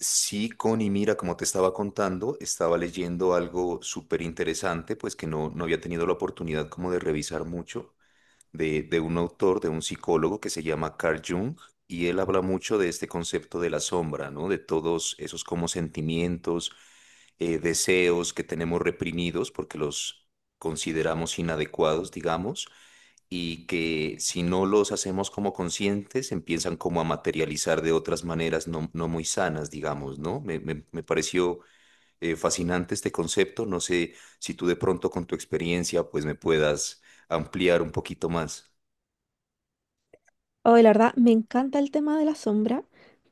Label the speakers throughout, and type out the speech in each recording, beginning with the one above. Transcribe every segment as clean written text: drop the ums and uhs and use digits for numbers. Speaker 1: Sí, Connie, mira, como te estaba contando, estaba leyendo algo súper interesante, pues que no había tenido la oportunidad como de revisar mucho de un autor, de un psicólogo que se llama Carl Jung, y él habla mucho de este concepto de la sombra, ¿no? De todos esos como sentimientos, deseos que tenemos reprimidos porque los consideramos inadecuados, digamos, y que si no los hacemos como conscientes, empiezan como a materializar de otras maneras no muy sanas, digamos, ¿no? Me pareció fascinante este concepto. No sé si tú de pronto con tu experiencia pues me puedas ampliar un poquito más.
Speaker 2: Hoy, la verdad, me encanta el tema de la sombra,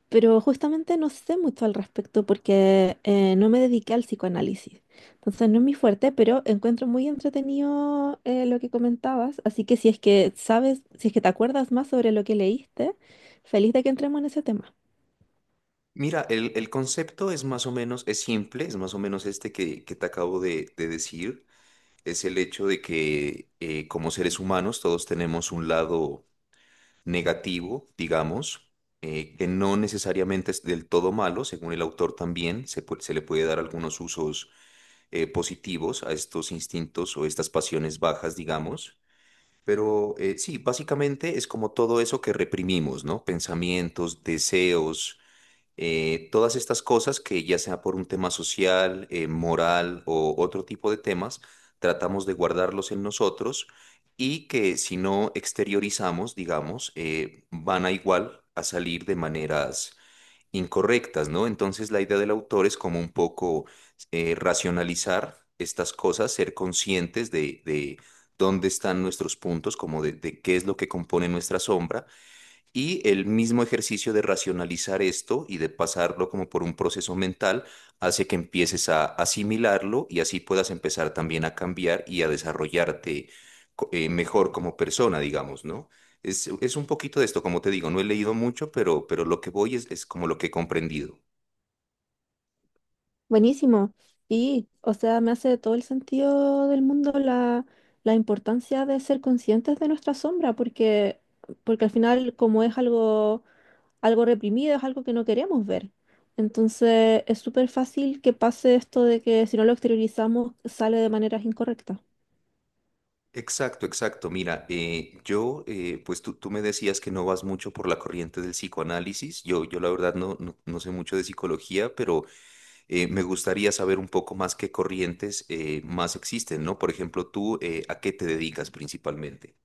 Speaker 2: pero justamente no sé mucho al respecto porque no me dediqué al psicoanálisis. Entonces, no es mi fuerte, pero encuentro muy entretenido lo que comentabas. Así que si es que sabes, si es que te acuerdas más sobre lo que leíste, feliz de que entremos en ese tema.
Speaker 1: Mira, el concepto es más o menos, es simple, es más o menos este que te acabo de decir. Es el hecho de que como seres humanos todos tenemos un lado negativo, digamos, que no necesariamente es del todo malo, según el autor también, se le puede dar algunos usos positivos a estos instintos o estas pasiones bajas, digamos. Pero sí, básicamente es como todo eso que reprimimos, ¿no? Pensamientos, deseos, todas estas cosas que ya sea por un tema social, moral o otro tipo de temas, tratamos de guardarlos en nosotros y que si no exteriorizamos, digamos, van a igual a salir de maneras incorrectas, ¿no? Entonces la idea del autor es como un poco racionalizar estas cosas, ser conscientes de dónde están nuestros puntos, como de qué es lo que compone nuestra sombra y el mismo ejercicio de racionalizar esto y de pasarlo como por un proceso mental hace que empieces a asimilarlo y así puedas empezar también a cambiar y a desarrollarte mejor como persona, digamos, ¿no? Es un poquito de esto, como te digo, no he leído mucho, pero lo que voy es como lo que he comprendido.
Speaker 2: Buenísimo. Y, o sea, me hace todo el sentido del mundo la importancia de ser conscientes de nuestra sombra, porque al final, como es algo reprimido, es algo que no queremos ver. Entonces es súper fácil que pase esto de que si no lo exteriorizamos sale de maneras incorrectas.
Speaker 1: Exacto, exacto. Mira, pues tú me decías que no vas mucho por la corriente del psicoanálisis. Yo la verdad no sé mucho de psicología, pero me gustaría saber un poco más qué corrientes más existen, ¿no? Por ejemplo, tú, ¿a qué te dedicas principalmente?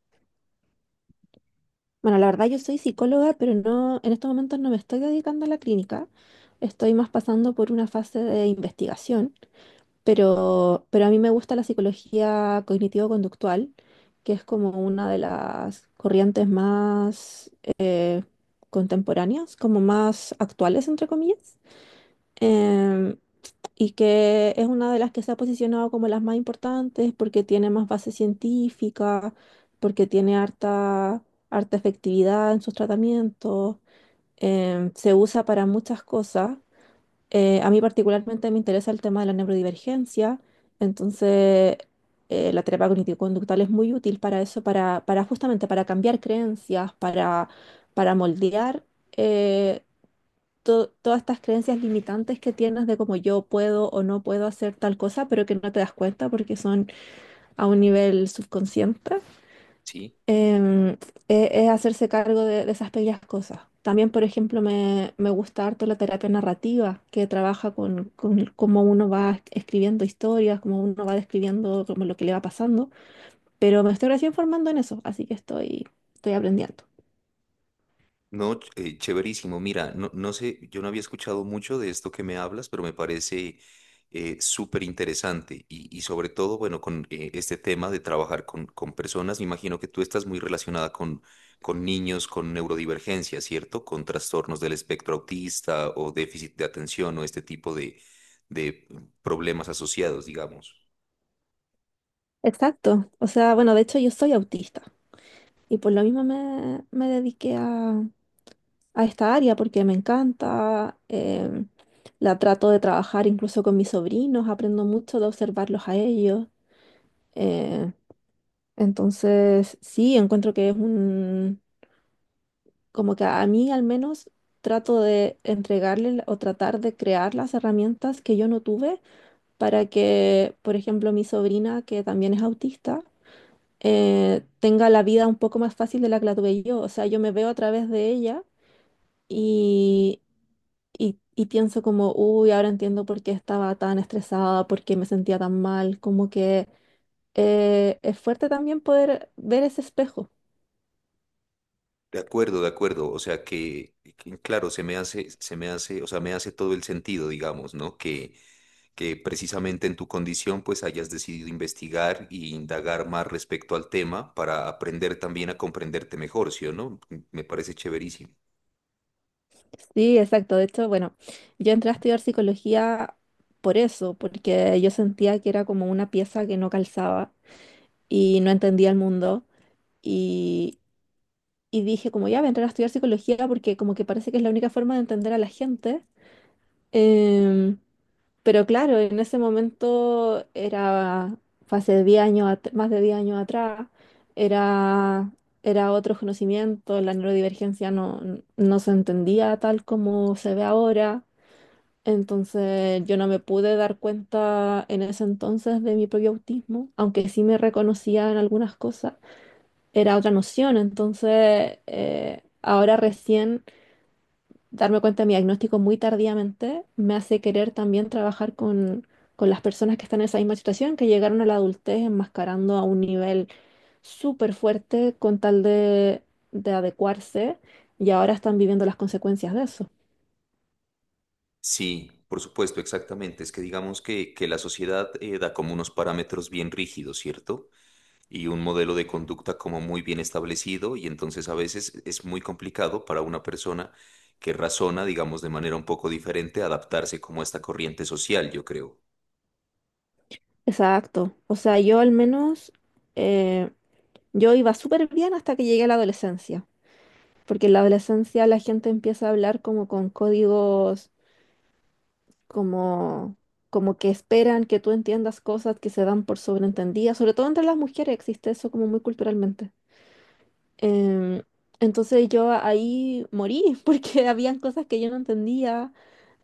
Speaker 2: Bueno, la verdad yo soy psicóloga, pero no, en estos momentos no me estoy dedicando a la clínica, estoy más pasando por una fase de investigación, pero a mí me gusta la psicología cognitivo-conductual, que es como una de las corrientes más eh, contemporáneas, como más actuales, entre comillas. Em, y que es una de las que se ha posicionado como las más importantes porque tiene más base científica, porque tiene harta efectividad en sus tratamientos, se usa para muchas cosas. A mí particularmente me interesa el tema de la neurodivergencia, entonces la terapia cognitivo-conductual es muy útil para eso, para justamente para cambiar para moldear. eh, Todas estas creencias limitantes que tienes de cómo yo puedo o no puedo hacer tal cosa, pero que no te das cuenta porque son a un nivel subconsciente.
Speaker 1: ¿Sí?
Speaker 2: em, es hacerse cargo de esas pequeñas cosas. También, por ejemplo, me gusta harto la terapia narrativa, que trabaja con cómo uno va escribiendo historias, cómo uno va describiendo como lo que le va pasando, pero me estoy recién formando en eso, así que estoy aprendiendo.
Speaker 1: No, chéverísimo. Mira, no sé, yo no había escuchado mucho de esto que me hablas, pero me parece súper interesante y sobre todo, bueno, con este tema de trabajar con personas, me imagino que tú estás muy relacionada con niños con neurodivergencia, ¿cierto? Con trastornos del espectro autista o déficit de atención o este tipo de problemas asociados, digamos.
Speaker 2: Exacto. O sea, bueno, de hecho yo soy autista. Y por lo mismo me dediqué a esta área porque me encanta, la trato de trabajar incluso con mis sobrinos, aprendo mucho de observarlos a ellos. eh, entonces, sí, encuentro que es un, como que a mí al menos trato de entregarle la- o tratar de crear las herramientas que yo no tuve para que, por ejemplo, mi sobrina, que también es autista, tenga la vida un poco más fácil de la que la tuve yo. O sea, yo me veo a través de ella. Y, y pienso como, uy, ahora entiendo por qué estaba tan estresada, por qué me sentía tan mal, como que es fuerte también poder ver ese espejo.
Speaker 1: De acuerdo, de acuerdo. O sea claro, se me hace, o sea, me hace todo el sentido, digamos, ¿no? Que precisamente en tu condición, pues hayas decidido investigar y indagar más respecto al tema para aprender también a comprenderte mejor, ¿sí o no? Me parece chéverísimo.
Speaker 2: Sí, exacto. De hecho, bueno, yo entré a estudiar psicología por eso, porque yo sentía que era como una pieza que no calzaba y no entendía el mundo. Y, y dije como, ya voy a entrar a estudiar psicología porque como que parece que es la única forma de entender a la gente. em, Pero claro, en ese momento era, fue hace 10 años, más de 10 años atrás, era, era otro conocimiento, la neurodivergencia no, no se entendía tal como se ve ahora, entonces yo no me pude dar cuenta en ese entonces de mi propio autismo, aunque sí me reconocía en algunas cosas, era otra noción, entonces ahora recién darme cuenta de mi diagnóstico muy tardíamente me hace querer también trabajar con las personas que están en esa misma situación, que llegaron a la adultez enmascarando a un nivel súper fuerte con tal de adecuarse y ahora están viviendo las consecuencias de eso.
Speaker 1: Sí, por supuesto, exactamente. Es que digamos que la sociedad da como unos parámetros bien rígidos, ¿cierto? Y un modelo de conducta como muy bien establecido y entonces a veces es muy complicado para una persona que razona, digamos, de manera un poco diferente, adaptarse como a esta corriente social, yo creo.
Speaker 2: Exacto. O sea, yo al menos, eh, yo iba súper bien hasta que llegué a la adolescencia, porque en la adolescencia la gente empieza a hablar como con códigos como, como que esperan que tú entiendas cosas que se dan por sobreentendidas, sobre todo entre las mujeres existe eso como muy culturalmente. Em, entonces yo ahí morí porque habían cosas que yo no entendía.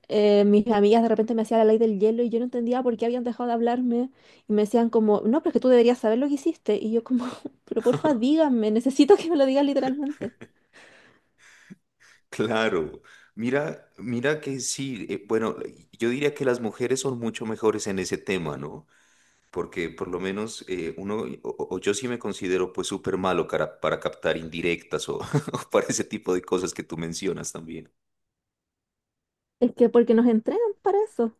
Speaker 2: Mis amigas de repente me hacían la ley del hielo y yo no entendía por qué habían dejado de hablarme y me decían como, no, pero es que tú deberías saber lo que hiciste. Y yo como, pero porfa, díganme, necesito que me lo digas literalmente.
Speaker 1: Claro, mira, mira que sí, bueno, yo diría que las mujeres son mucho mejores en ese tema, ¿no? Porque por lo menos o yo sí me considero pues súper malo para captar indirectas o, o para ese tipo de cosas que tú mencionas también.
Speaker 2: Es que porque nos entrenan para eso,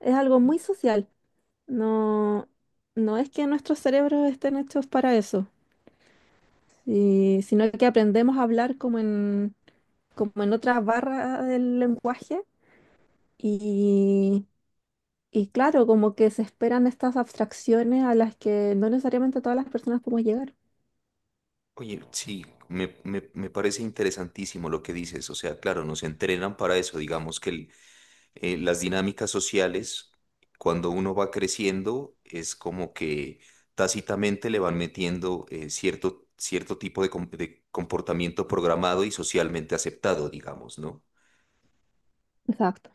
Speaker 2: es algo muy social. No, no es que nuestros cerebros estén hechos para eso, sino que aprendemos a hablar como como en otras barras del lenguaje y, y claro, como que se esperan estas abstracciones a las que no necesariamente todas las personas podemos llegar.
Speaker 1: Oye, sí, me parece interesantísimo lo que dices. O sea, claro, nos entrenan para eso. Digamos las dinámicas sociales, cuando uno va creciendo, es como que tácitamente le van metiendo cierto tipo de, de comportamiento programado y socialmente aceptado, digamos, ¿no?
Speaker 2: Exacto.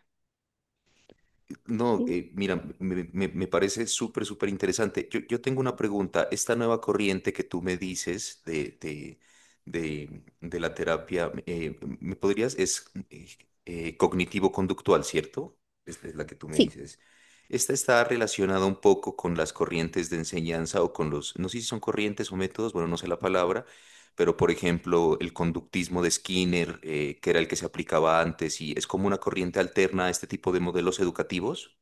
Speaker 1: No,
Speaker 2: Sí.
Speaker 1: mira, me parece súper, súper interesante. Yo tengo una pregunta. Esta nueva corriente que tú me dices de la terapia, ¿me podrías? Es cognitivo-conductual, ¿cierto? Esta es la que tú me
Speaker 2: Sí,
Speaker 1: dices. Esta está relacionada un poco con las corrientes de enseñanza o con los, no sé si son corrientes o métodos, bueno, no sé la palabra, pero por ejemplo, el conductismo de Skinner, que era el que se aplicaba antes, y es como una corriente alterna a este tipo de modelos educativos.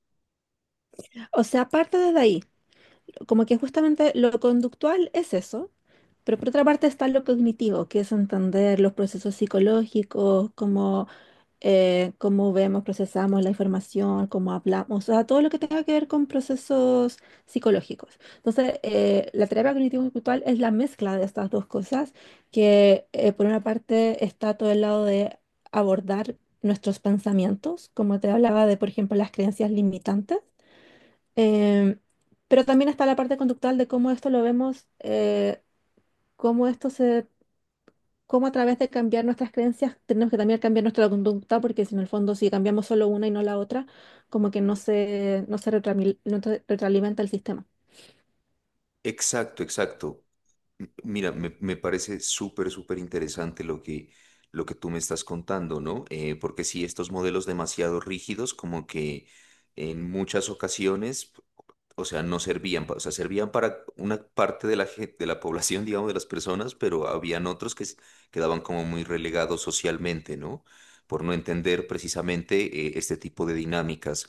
Speaker 2: o sea, aparte desde ahí, como que justamente lo conductual es eso, pero por otra parte está lo cognitivo, que es entender los procesos psicológicos, cómo vemos, procesamos la información, cómo hablamos, o sea, todo lo que tenga que ver con procesos psicológicos. Entonces, la terapia cognitivo-conductual es la mezcla de estas dos cosas, que por una parte está todo el lado de abordar nuestros pensamientos, como te hablaba de, por ejemplo, las creencias limitantes, em, pero también está la parte conductual de cómo esto lo vemos, cómo esto se cómo a través de cambiar nuestras creencias tenemos que también cambiar nuestra conducta, porque si en el fondo si cambiamos solo una y no la otra, como que no se retroalimenta el sistema.
Speaker 1: Exacto, exacto. Mira, me parece súper, súper interesante lo lo que tú me estás contando, ¿no? Porque sí, estos modelos demasiado rígidos, como que en muchas ocasiones, o sea, no servían, o sea, servían para una parte de la, de la población, digamos, de las personas, pero habían otros quedaban como muy relegados socialmente, ¿no? Por no entender precisamente este tipo de dinámicas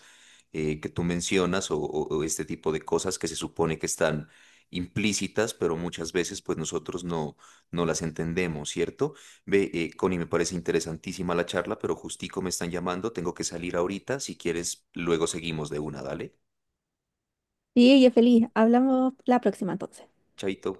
Speaker 1: que tú mencionas o o este tipo de cosas que se supone que están implícitas, pero muchas veces pues nosotros no las entendemos, ¿cierto? Ve, Connie, me parece interesantísima la charla, pero justico me están llamando, tengo que salir ahorita, si quieres, luego seguimos de una, dale,
Speaker 2: Sí, ella es feliz. Hablamos la próxima entonces.
Speaker 1: chaito.